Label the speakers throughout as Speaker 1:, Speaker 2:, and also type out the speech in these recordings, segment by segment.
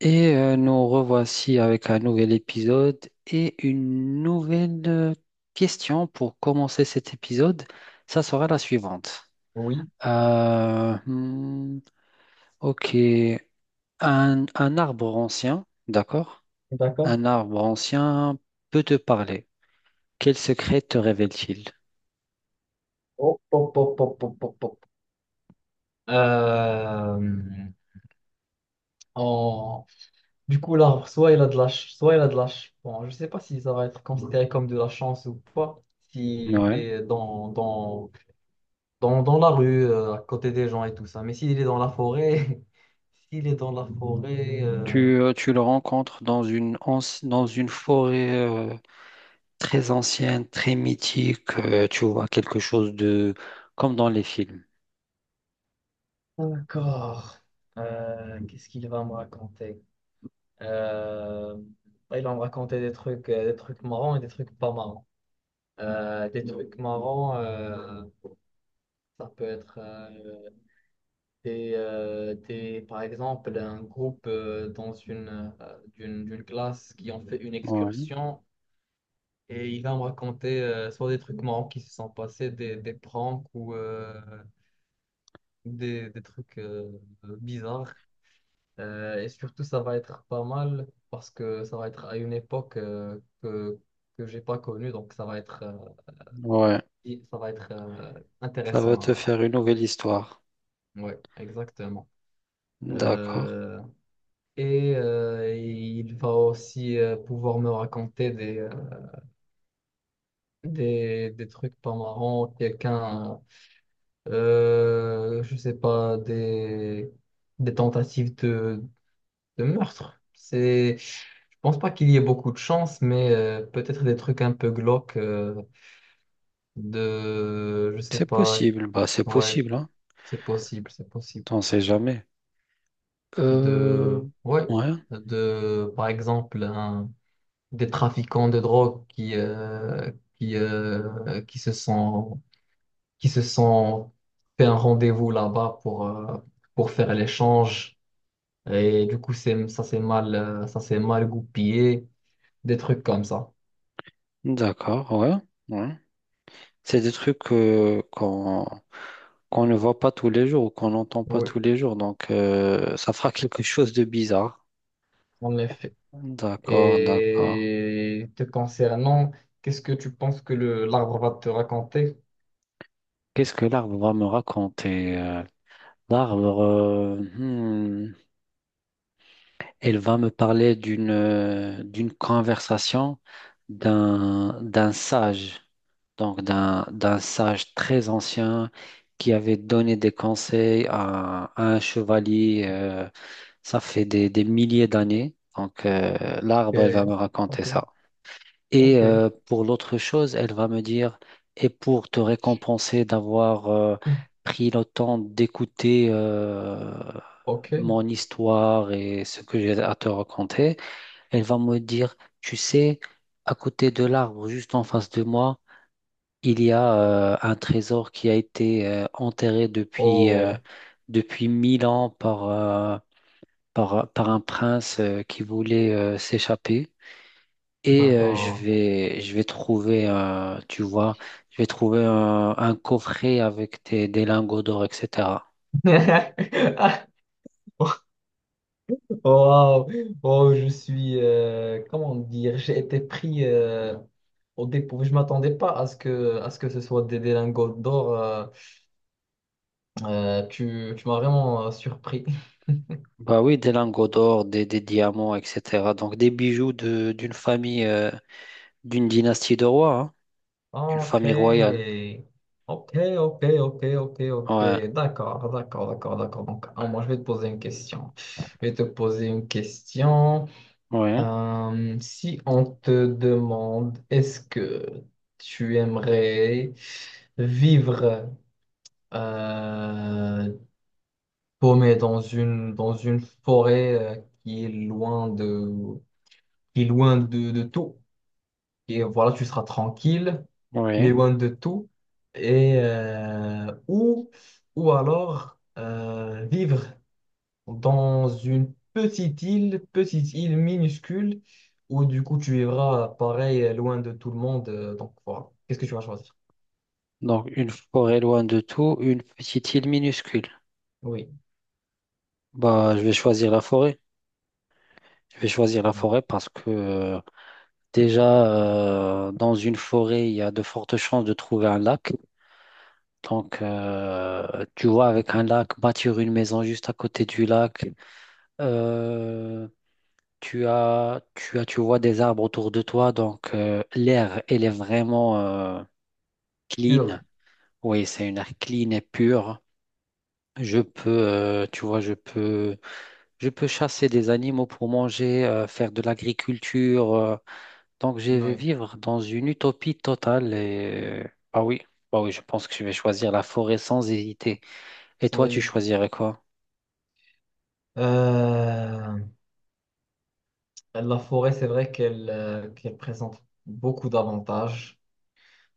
Speaker 1: Nous revoici avec un nouvel épisode et une nouvelle question pour commencer cet épisode. Ça sera la suivante.
Speaker 2: Oui,
Speaker 1: Euh, hmm, ok, un arbre ancien, d'accord?
Speaker 2: d'accord.
Speaker 1: Un arbre ancien peut te parler. Quel secret te révèle-t-il?
Speaker 2: Hop, hop, hop, hop, hop, hop, hop. Euh, en- Du coup, l'arbre, soit il a de la Bon, je sais pas si ça va être considéré comme de la chance ou pas, s'il
Speaker 1: Ouais.
Speaker 2: est dans la rue, à côté des gens et tout ça. Mais s'il est dans la forêt, s'il est dans la forêt...
Speaker 1: Tu le rencontres dans dans une forêt très ancienne, très mythique. Tu vois quelque chose de comme dans les films.
Speaker 2: D'accord. Qu'est-ce qu'il va me raconter? Euh, bah, il va me raconter des trucs marrants et des trucs pas marrants. Des trucs marrants, ça peut être par exemple un groupe dans une d'une classe qui ont fait une
Speaker 1: Ouais,
Speaker 2: excursion et il va me raconter soit des trucs marrants qui se sont passés, des pranks ou des trucs bizarres. Et surtout, ça va être pas mal parce que ça va être à une époque que j'ai pas connue, donc ça va être
Speaker 1: ouais.
Speaker 2: ça va être
Speaker 1: Ça va
Speaker 2: intéressant
Speaker 1: te
Speaker 2: à
Speaker 1: faire une nouvelle histoire.
Speaker 2: ouais, exactement.
Speaker 1: D'accord.
Speaker 2: Euh, et il va aussi pouvoir me raconter des trucs pas marrants, quelqu'un, je sais pas, des tentatives de meurtre. C'est, je pense pas qu'il y ait beaucoup de chance, mais peut-être des trucs un peu glauques de, je sais
Speaker 1: C'est
Speaker 2: pas,
Speaker 1: possible, bah c'est
Speaker 2: ouais,
Speaker 1: possible, hein.
Speaker 2: c'est possible, c'est possible.
Speaker 1: T'en sais jamais. Euh,
Speaker 2: De, ouais,
Speaker 1: ouais,
Speaker 2: de, par exemple, un des trafiquants de drogue qui se qui se sont fait un rendez-vous là-bas pour faire l'échange. Et du coup, ça s'est mal goupillé, des trucs comme ça.
Speaker 1: d'accord, ouais, ouais. C'est des trucs qu'on ne voit pas tous les jours ou qu'on n'entend pas
Speaker 2: Oui,
Speaker 1: tous les jours, donc ça fera quelque chose de bizarre.
Speaker 2: en effet.
Speaker 1: D'accord, d'accord.
Speaker 2: Et te concernant, qu'est-ce que tu penses que le l'arbre va te raconter?
Speaker 1: Qu'est-ce que l'arbre va me raconter? L'arbre, Elle va me parler d'une d'une conversation d'un sage, donc d'un sage très ancien qui avait donné des conseils à un chevalier. Ça fait des milliers d'années. Donc l'arbre, elle va
Speaker 2: Ok,
Speaker 1: me raconter
Speaker 2: ok,
Speaker 1: ça. Et
Speaker 2: ok,
Speaker 1: pour l'autre chose, elle va me dire, et pour te récompenser d'avoir pris le temps d'écouter
Speaker 2: ok.
Speaker 1: mon histoire et ce que j'ai à te raconter, elle va me dire, tu sais, à côté de l'arbre, juste en face de moi, il y a un trésor qui a été enterré
Speaker 2: Oh,
Speaker 1: depuis 1000 ans par un prince qui voulait s'échapper. Et je
Speaker 2: d'accord.
Speaker 1: vais, je vais trouver, tu vois, je vais trouver un coffret avec des lingots d'or, etc.
Speaker 2: Wow, oh, je suis, comment dire, j'ai été pris. Au dépôt, je m'attendais pas à à ce que ce soit des lingots d'or. Tu m'as vraiment surpris.
Speaker 1: Bah oui, des lingots d'or, des diamants, etc. Donc des bijoux de, d'une famille, d'une dynastie de rois, hein, d'une
Speaker 2: Ok.
Speaker 1: famille royale.
Speaker 2: Ok, ok, ok, ok, ok.
Speaker 1: Ouais,
Speaker 2: D'accord, d'accord, d'accord, d'accord. Donc, ah, moi, je vais te poser une question. Je vais te poser une question.
Speaker 1: ouais,
Speaker 2: Si on te demande, est-ce que tu aimerais vivre euh, paumé dans dans une forêt qui est loin de, qui est loin de tout. Et voilà, tu seras tranquille, mais
Speaker 1: ouais.
Speaker 2: loin de tout. Et, ou alors vivre dans une petite île minuscule, où du coup tu vivras pareil, loin de tout le monde. Donc voilà, qu'est-ce que tu vas choisir?
Speaker 1: Donc une forêt loin de tout, une petite île minuscule.
Speaker 2: Oui,
Speaker 1: Bah, je vais choisir la forêt. Je vais choisir la forêt parce que déjà, dans une forêt, il y a de fortes chances de trouver un lac. Donc, tu vois, avec un lac, bâtir une maison juste à côté du lac, euh, tu vois des arbres autour de toi, donc l'air, elle est vraiment clean.
Speaker 2: pur.
Speaker 1: Oui, c'est une air clean et pure. Je peux, tu vois, je peux, Je peux chasser des animaux pour manger, faire de l'agriculture. Donc, je vais
Speaker 2: Oui,
Speaker 1: vivre dans une utopie totale. Ah oui, Bah oui, je pense que je vais choisir la forêt sans hésiter. Et
Speaker 2: sans
Speaker 1: toi, tu
Speaker 2: hésiter.
Speaker 1: choisirais quoi?
Speaker 2: Euh, La forêt, c'est vrai qu'elle qu'elle présente beaucoup d'avantages.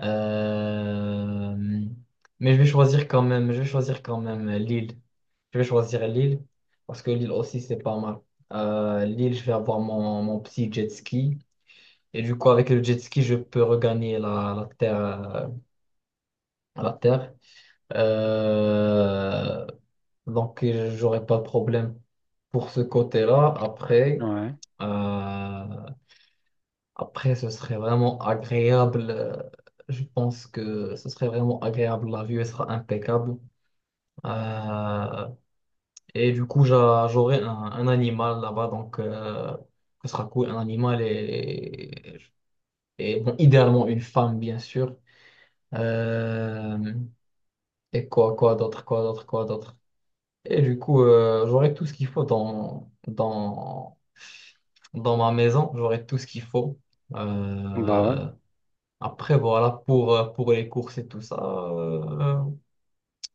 Speaker 2: Euh, mais je vais choisir quand même, je vais choisir quand même l'île. Je vais choisir l'île parce que l'île aussi, c'est pas mal. L'île, je vais avoir mon, mon petit jet ski. Et du coup, avec le jet ski, je peux regagner la terre. La terre. Euh, donc, j'aurai pas de problème pour ce côté-là. Après.
Speaker 1: Ouais,
Speaker 2: Euh, Après, ce serait vraiment agréable. Je pense que ce serait vraiment agréable. La vue elle sera impeccable. Euh, et du coup, j'aurai un animal là-bas. Donc, ce sera cool. Un animal et bon, idéalement une femme, bien sûr. Euh, et quoi, quoi d'autre, quoi d'autre, quoi d'autre. Et du coup, j'aurai tout ce qu'il faut dans ma maison. J'aurai tout ce qu'il faut.
Speaker 1: bah ouais.
Speaker 2: Euh, Après, voilà, pour les courses et tout ça,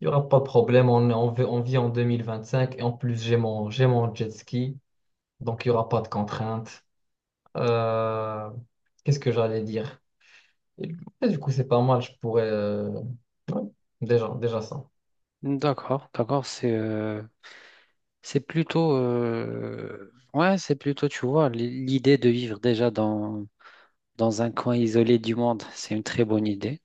Speaker 2: il y n'y aura pas de problème. On vit en 2025 et en plus, j'ai mon jet ski, donc il n'y aura pas de contraintes. Euh, qu'est-ce que j'allais dire? Et du coup, c'est pas mal, je pourrais... ouais, déjà, déjà ça.
Speaker 1: D'accord, d'accord. C'est plutôt ouais, c'est plutôt, tu vois, l'idée de vivre déjà dans, dans un coin isolé du monde, c'est une très bonne idée.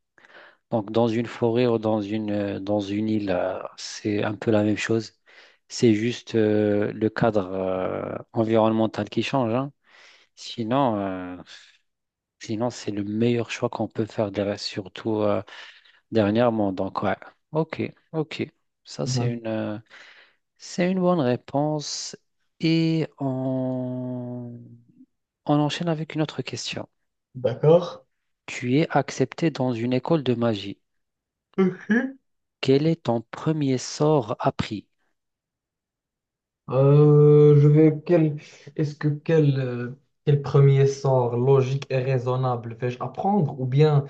Speaker 1: Donc dans une forêt ou dans une île, c'est un peu la même chose. C'est juste le cadre environnemental qui change, hein. Sinon, sinon c'est le meilleur choix qu'on peut faire, surtout dernièrement. Donc ouais, ok, ok. Ça c'est
Speaker 2: Mhm.
Speaker 1: une C'est une bonne réponse et on enchaîne avec une autre question.
Speaker 2: D'accord.
Speaker 1: Tu es accepté dans une école de magie. Quel est ton premier sort appris?
Speaker 2: Je vais quel quel premier sort logique et raisonnable vais-je apprendre ou bien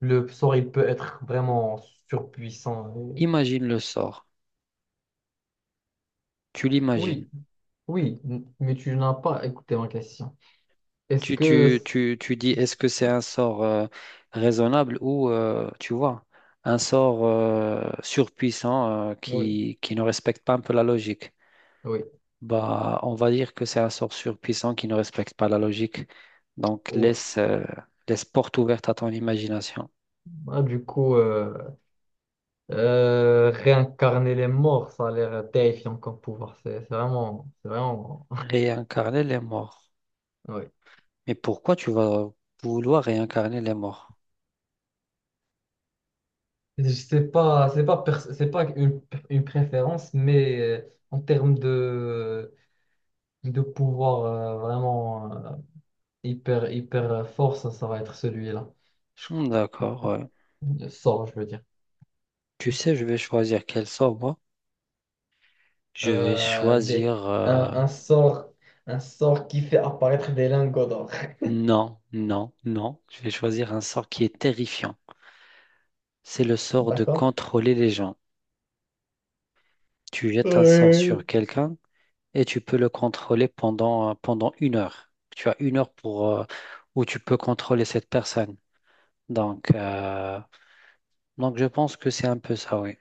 Speaker 2: le sort il peut être vraiment surpuissant et-
Speaker 1: Imagine le sort. Tu l'imagines.
Speaker 2: Oui, mais tu n'as pas écouté ma question. Est-ce
Speaker 1: Tu,
Speaker 2: que
Speaker 1: tu, tu, tu dis est-ce que c'est un sort raisonnable ou tu vois, un sort surpuissant
Speaker 2: oui,
Speaker 1: qui ne respecte pas un peu la logique.
Speaker 2: oui.
Speaker 1: Bah, on va dire que c'est un sort surpuissant qui ne respecte pas la logique. Donc,
Speaker 2: Ouf.
Speaker 1: laisse porte ouverte à ton imagination.
Speaker 2: Ah, du coup réincarner les morts, ça a l'air terrifiant comme pouvoir. C'est vraiment c'est vraiment
Speaker 1: Réincarner les morts.
Speaker 2: oui.
Speaker 1: Mais pourquoi tu vas vouloir réincarner les morts?
Speaker 2: C'est pas une, une préférence, mais en termes de pouvoir vraiment hyper, hyper fort, ça va être celui-là. Je crois.
Speaker 1: Hmm, d'accord, ouais.
Speaker 2: Le sort, je veux dire.
Speaker 1: Tu sais, je vais choisir quel sort, moi? Je vais
Speaker 2: Euh, des,
Speaker 1: choisir... euh,
Speaker 2: un, un sort, un sort qui fait apparaître des lingots d'or.
Speaker 1: Non, non, non. Je vais choisir un sort qui est terrifiant. C'est le sort de
Speaker 2: D'accord?
Speaker 1: contrôler les gens. Tu jettes un sort sur
Speaker 2: Ouais.
Speaker 1: quelqu'un. Et tu peux le contrôler pendant 1 heure. Tu as 1 heure pour, où tu peux contrôler cette personne. Donc, euh, donc je pense que c'est un peu ça, oui.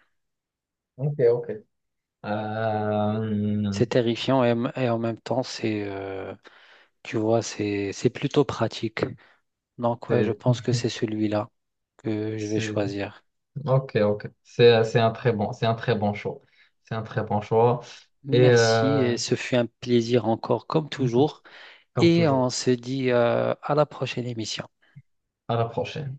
Speaker 2: Ok, ok. Euh,
Speaker 1: C'est terrifiant et et en même temps, tu vois, c'est plutôt pratique. Donc, ouais, je
Speaker 2: c'est,
Speaker 1: pense que c'est celui-là que je vais
Speaker 2: c'est,
Speaker 1: choisir.
Speaker 2: ok, ok. C'est un très bon, c'est un très bon choix. C'est un très bon choix. Et
Speaker 1: Merci et ce fut un plaisir encore comme toujours.
Speaker 2: comme
Speaker 1: Et on
Speaker 2: toujours.
Speaker 1: se dit, à la prochaine émission.
Speaker 2: À la prochaine.